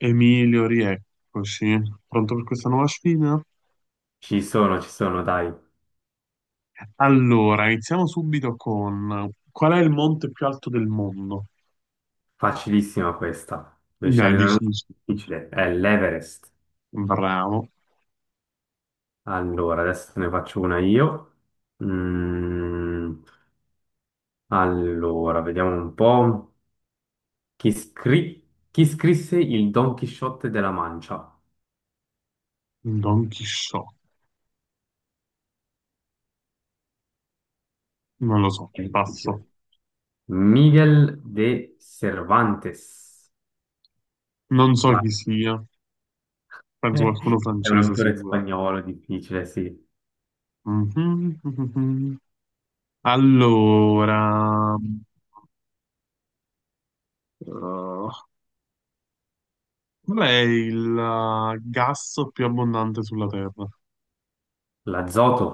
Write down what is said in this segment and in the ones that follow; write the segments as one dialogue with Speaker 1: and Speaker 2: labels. Speaker 1: Emilio, rieccoci. Pronto per questa nuova sfida?
Speaker 2: Ci sono, dai.
Speaker 1: Allora, iniziamo subito con qual è il monte più alto del mondo?
Speaker 2: Facilissima questa. Devi
Speaker 1: Dai,
Speaker 2: scegliere una
Speaker 1: dici,
Speaker 2: difficile. È l'Everest.
Speaker 1: bravo,
Speaker 2: Allora, adesso te ne faccio una io. Mm, allora, vediamo un po'. Chi, scri- chi scrisse il Don Chisciotte della Mancia?
Speaker 1: Don Chisciotte. Non lo so,
Speaker 2: È
Speaker 1: passo.
Speaker 2: difficile. Miguel de Cervantes.
Speaker 1: Non so
Speaker 2: Vai.
Speaker 1: chi sia, penso qualcuno
Speaker 2: È un
Speaker 1: francese
Speaker 2: autore
Speaker 1: sicuro.
Speaker 2: spagnolo, difficile, sì.
Speaker 1: Mhm, mhm. Allora, eh, qual è il gas più abbondante sulla Terra?
Speaker 2: L'azoto,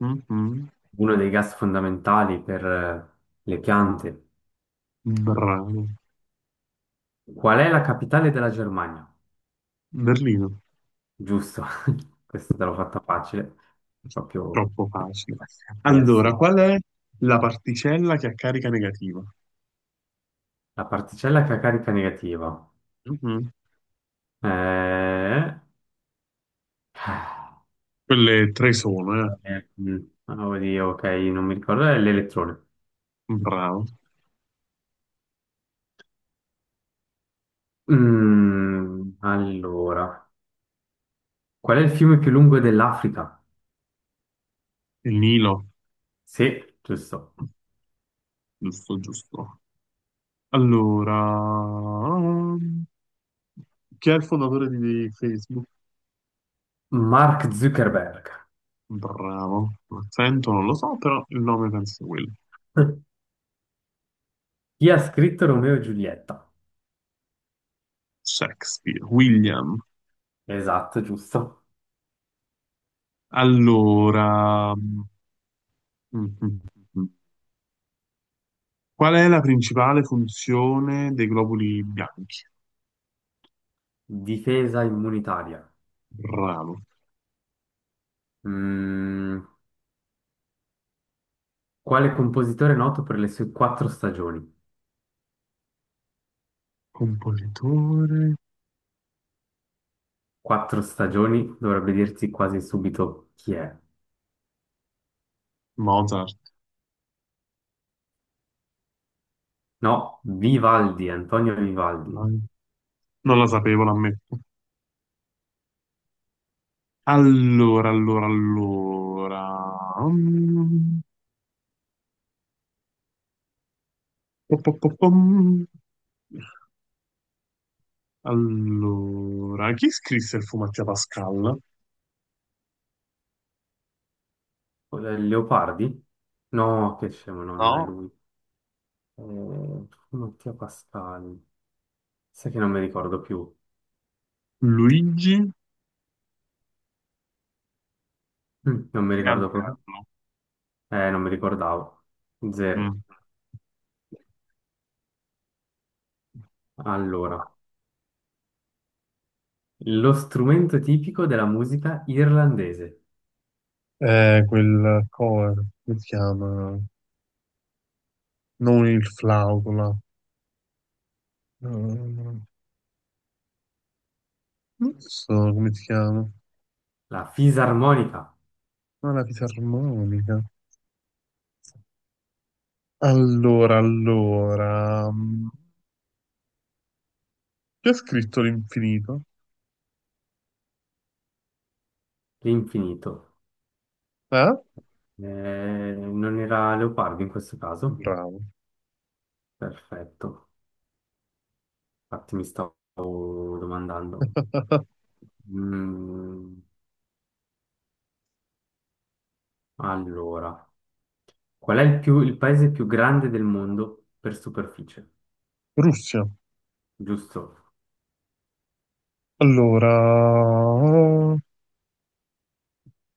Speaker 1: Mhm.
Speaker 2: uno dei gas fondamentali per le piante.
Speaker 1: Bravo.
Speaker 2: Qual è la capitale della Germania?
Speaker 1: Berlino.
Speaker 2: Giusto, questa te l'ho fatta facile, proprio...
Speaker 1: Troppo
Speaker 2: che-
Speaker 1: facile.
Speaker 2: Eh
Speaker 1: Allora,
Speaker 2: sì,
Speaker 1: qual è la particella che ha carica negativa?
Speaker 2: la particella che ha carica negativa.
Speaker 1: Mhm.
Speaker 2: Eh...
Speaker 1: Quelle tre sono, eh.
Speaker 2: eh, mm, oddio, ok, non mi ricordo, è l'elettrone.
Speaker 1: Bravo.
Speaker 2: Allora, qual è il fiume più lungo dell'Africa?
Speaker 1: Il Nilo.
Speaker 2: Sì, giusto.
Speaker 1: Giusto, giusto. Allora, chi è il fondatore di Facebook?
Speaker 2: Mark Zuckerberg.
Speaker 1: Bravo. L'accento non lo so, però il nome penso sia quello.
Speaker 2: Chi ha scritto Romeo e Giulietta?
Speaker 1: Shakespeare, William.
Speaker 2: Esatto, giusto.
Speaker 1: Allora, mhm. qual è la principale funzione dei globuli bianchi?
Speaker 2: Difesa immunitaria.
Speaker 1: Bravo.
Speaker 2: Mm, quale compositore è noto per le sue quattro stagioni?
Speaker 1: Compositore
Speaker 2: Quattro stagioni dovrebbe dirti quasi subito chi è.
Speaker 1: Mozart.
Speaker 2: No, Vivaldi, Antonio Vivaldi.
Speaker 1: Vai. Non la sapevo, l'ammetto. Allora, allora, allora. Mm. Pom. Allora, chi scrisse il Fumetti a Pascal?
Speaker 2: Leopardi? No, che scemo, no, non è
Speaker 1: No,
Speaker 2: lui. Eh, Mattia Pascal. Sai che non mi ricordo più.
Speaker 1: Luigi
Speaker 2: Non mi ricordo proprio.
Speaker 1: Pirandello.
Speaker 2: Non mi ricordavo. Zero.
Speaker 1: Mm.
Speaker 2: Allora, lo strumento tipico della musica irlandese,
Speaker 1: Quel cover, come si chiama? Non il flauto, là. Non so come si chiama.
Speaker 2: la fisarmonica,
Speaker 1: Ma la fisarmonica. Allora, allora, chi ha scritto l'infinito?
Speaker 2: l'infinito.
Speaker 1: Eh?
Speaker 2: Non era leopardo in questo caso?
Speaker 1: Bravo.
Speaker 2: Perfetto, infatti mi stavo domandando. Mm, allora, qual è il, il paese più grande del mondo per superficie?
Speaker 1: Russia.
Speaker 2: Giusto.
Speaker 1: Allora,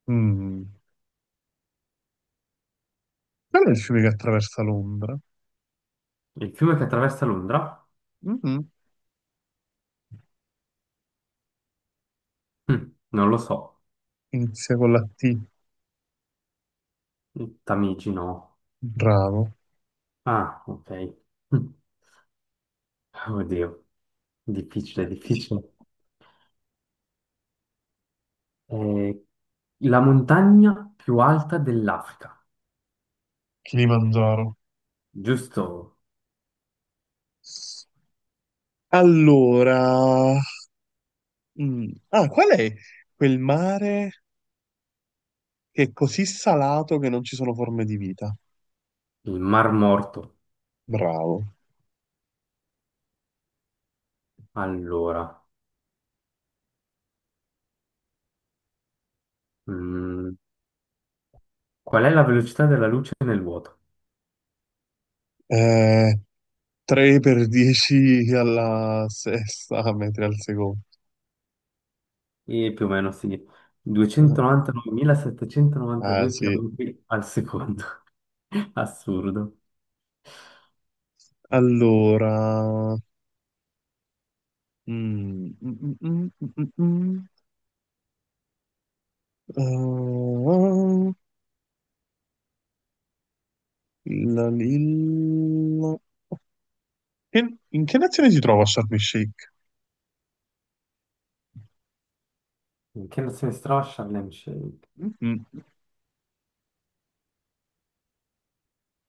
Speaker 1: mm, qual è il fiume che attraversa Londra?
Speaker 2: Il fiume che attraversa Londra?
Speaker 1: Mhm.
Speaker 2: Non lo so.
Speaker 1: Inizia con la T.
Speaker 2: Il Tamigi no.
Speaker 1: Bravo.
Speaker 2: Ah, ok. Mm, Oddio, difficile, difficile. Eh, la montagna più alta dell'Africa,
Speaker 1: Kilimangiaro.
Speaker 2: giusto?
Speaker 1: Allora, ah, qual è quel mare che è così salato che non ci sono forme di vita?
Speaker 2: Il Mar Morto.
Speaker 1: Bravo.
Speaker 2: Allora, mm, qual è la velocità della luce nel vuoto?
Speaker 1: Eh, 3 per 10 alla sesta, metri al secondo.
Speaker 2: E più o meno sì,
Speaker 1: Ah,
Speaker 2: 299.792
Speaker 1: sì.
Speaker 2: km al secondo. Assurdo.
Speaker 1: Allora... mm, mm, mm, mm, mm, mm. Ah, la lilla... in che nazione si trova Sharm el Sheikh?
Speaker 2: In che nazione si trova Sharm el Sheikh?
Speaker 1: Mm.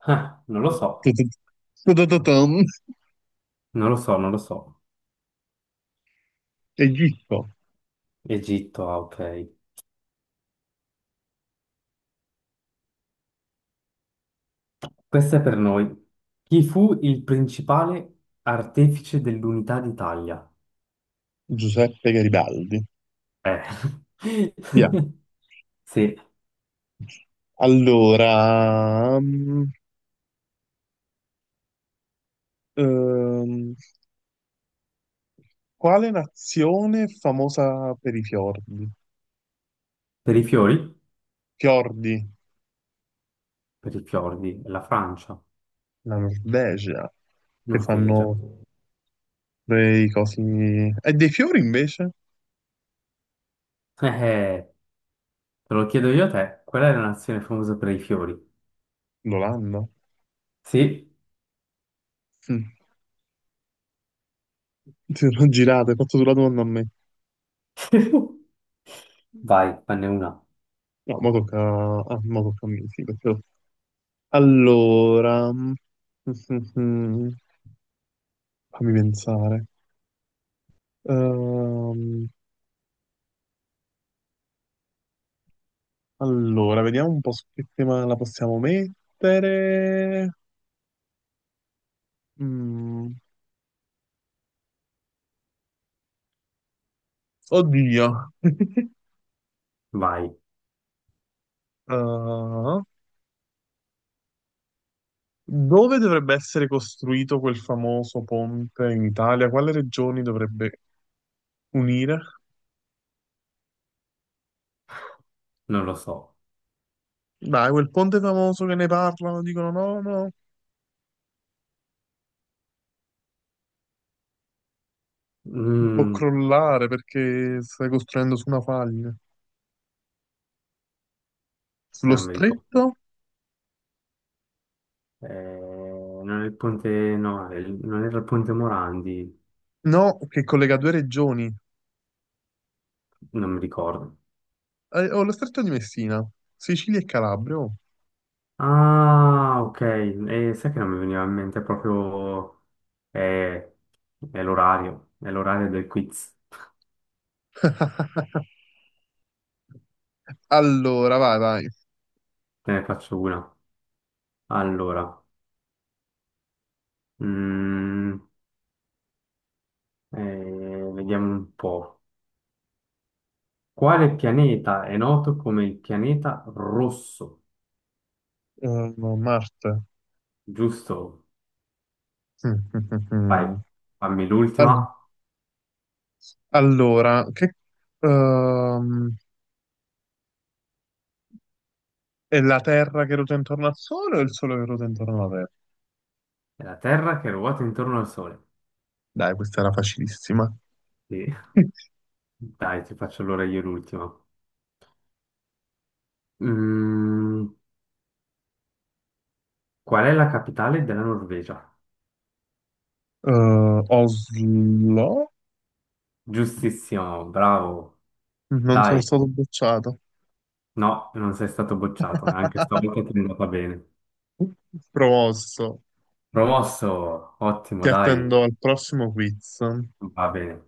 Speaker 2: Ah, non lo so,
Speaker 1: Ta-ta-ta-ta-tam.
Speaker 2: non lo so, non lo so.
Speaker 1: Egitto.
Speaker 2: Egitto, ah, ok. Questa è per noi. Chi fu il principale artefice dell'unità d'Italia?
Speaker 1: Giuseppe Garibaldi.
Speaker 2: Eh.
Speaker 1: Via.
Speaker 2: Sì,
Speaker 1: Allora... ehm, quale nazione è famosa per i fiordi?
Speaker 2: per i fiori,
Speaker 1: Fiordi,
Speaker 2: per i fiordi, la Francia.
Speaker 1: la Norvegia, che
Speaker 2: Norvegia.
Speaker 1: fanno dei cosi. E dei fiori invece?
Speaker 2: Eh, te lo chiedo io a te, qual è la nazione famosa per i fiori?
Speaker 1: L'Olanda.
Speaker 2: Sì?
Speaker 1: Mm. Ti sono girate, hai fatto tu la domanda a me.
Speaker 2: Vai, fanne una.
Speaker 1: No, ah, mo tocca a me, sì. Allora... mm, fammi pensare. Ehm, allora, vediamo un po' su che tema la possiamo mettere. Mm, Oddio.
Speaker 2: Vai,
Speaker 1: Ah, dove dovrebbe essere costruito quel famoso ponte in Italia? Quale regioni dovrebbe unire?
Speaker 2: non lo so.
Speaker 1: Dai, quel ponte famoso che ne parlano, dicono no, no, può
Speaker 2: Mm,
Speaker 1: crollare perché stai costruendo su una faglia. Sullo
Speaker 2: non mi ricordo.
Speaker 1: stretto?
Speaker 2: Non è il ponte, no, è non era il ponte Morandi,
Speaker 1: No, che collega due regioni.
Speaker 2: non mi ricordo.
Speaker 1: Oh, lo stretto di Messina, Sicilia e Calabria. Oh.
Speaker 2: Ah, ok, e sai che non mi veniva in mente proprio... eh, è l'orario del quiz.
Speaker 1: Allora, vai, vai.
Speaker 2: Te ne faccio una. Allora, mm, vediamo un po'. Quale pianeta è noto come il pianeta rosso?
Speaker 1: No, Marte.
Speaker 2: Giusto? Vai, fammi l'ultima.
Speaker 1: Al- Allora, ehm, è la Terra che ruota intorno al Sole o il Sole che ruota intorno alla Terra?
Speaker 2: È la Terra che ruota intorno al Sole.
Speaker 1: Dai, questa era facilissima.
Speaker 2: Sì. Dai, ti faccio allora io l'ultima. Mm, qual è la capitale della Norvegia?
Speaker 1: Oslo?
Speaker 2: Giustissimo, bravo.
Speaker 1: Non sono
Speaker 2: Dai,
Speaker 1: stato bocciato.
Speaker 2: no, non sei stato bocciato, anche stavolta ti è andata bene.
Speaker 1: Promosso.
Speaker 2: Promosso, ottimo,
Speaker 1: Ti
Speaker 2: dai,
Speaker 1: attendo al prossimo quiz.
Speaker 2: va bene.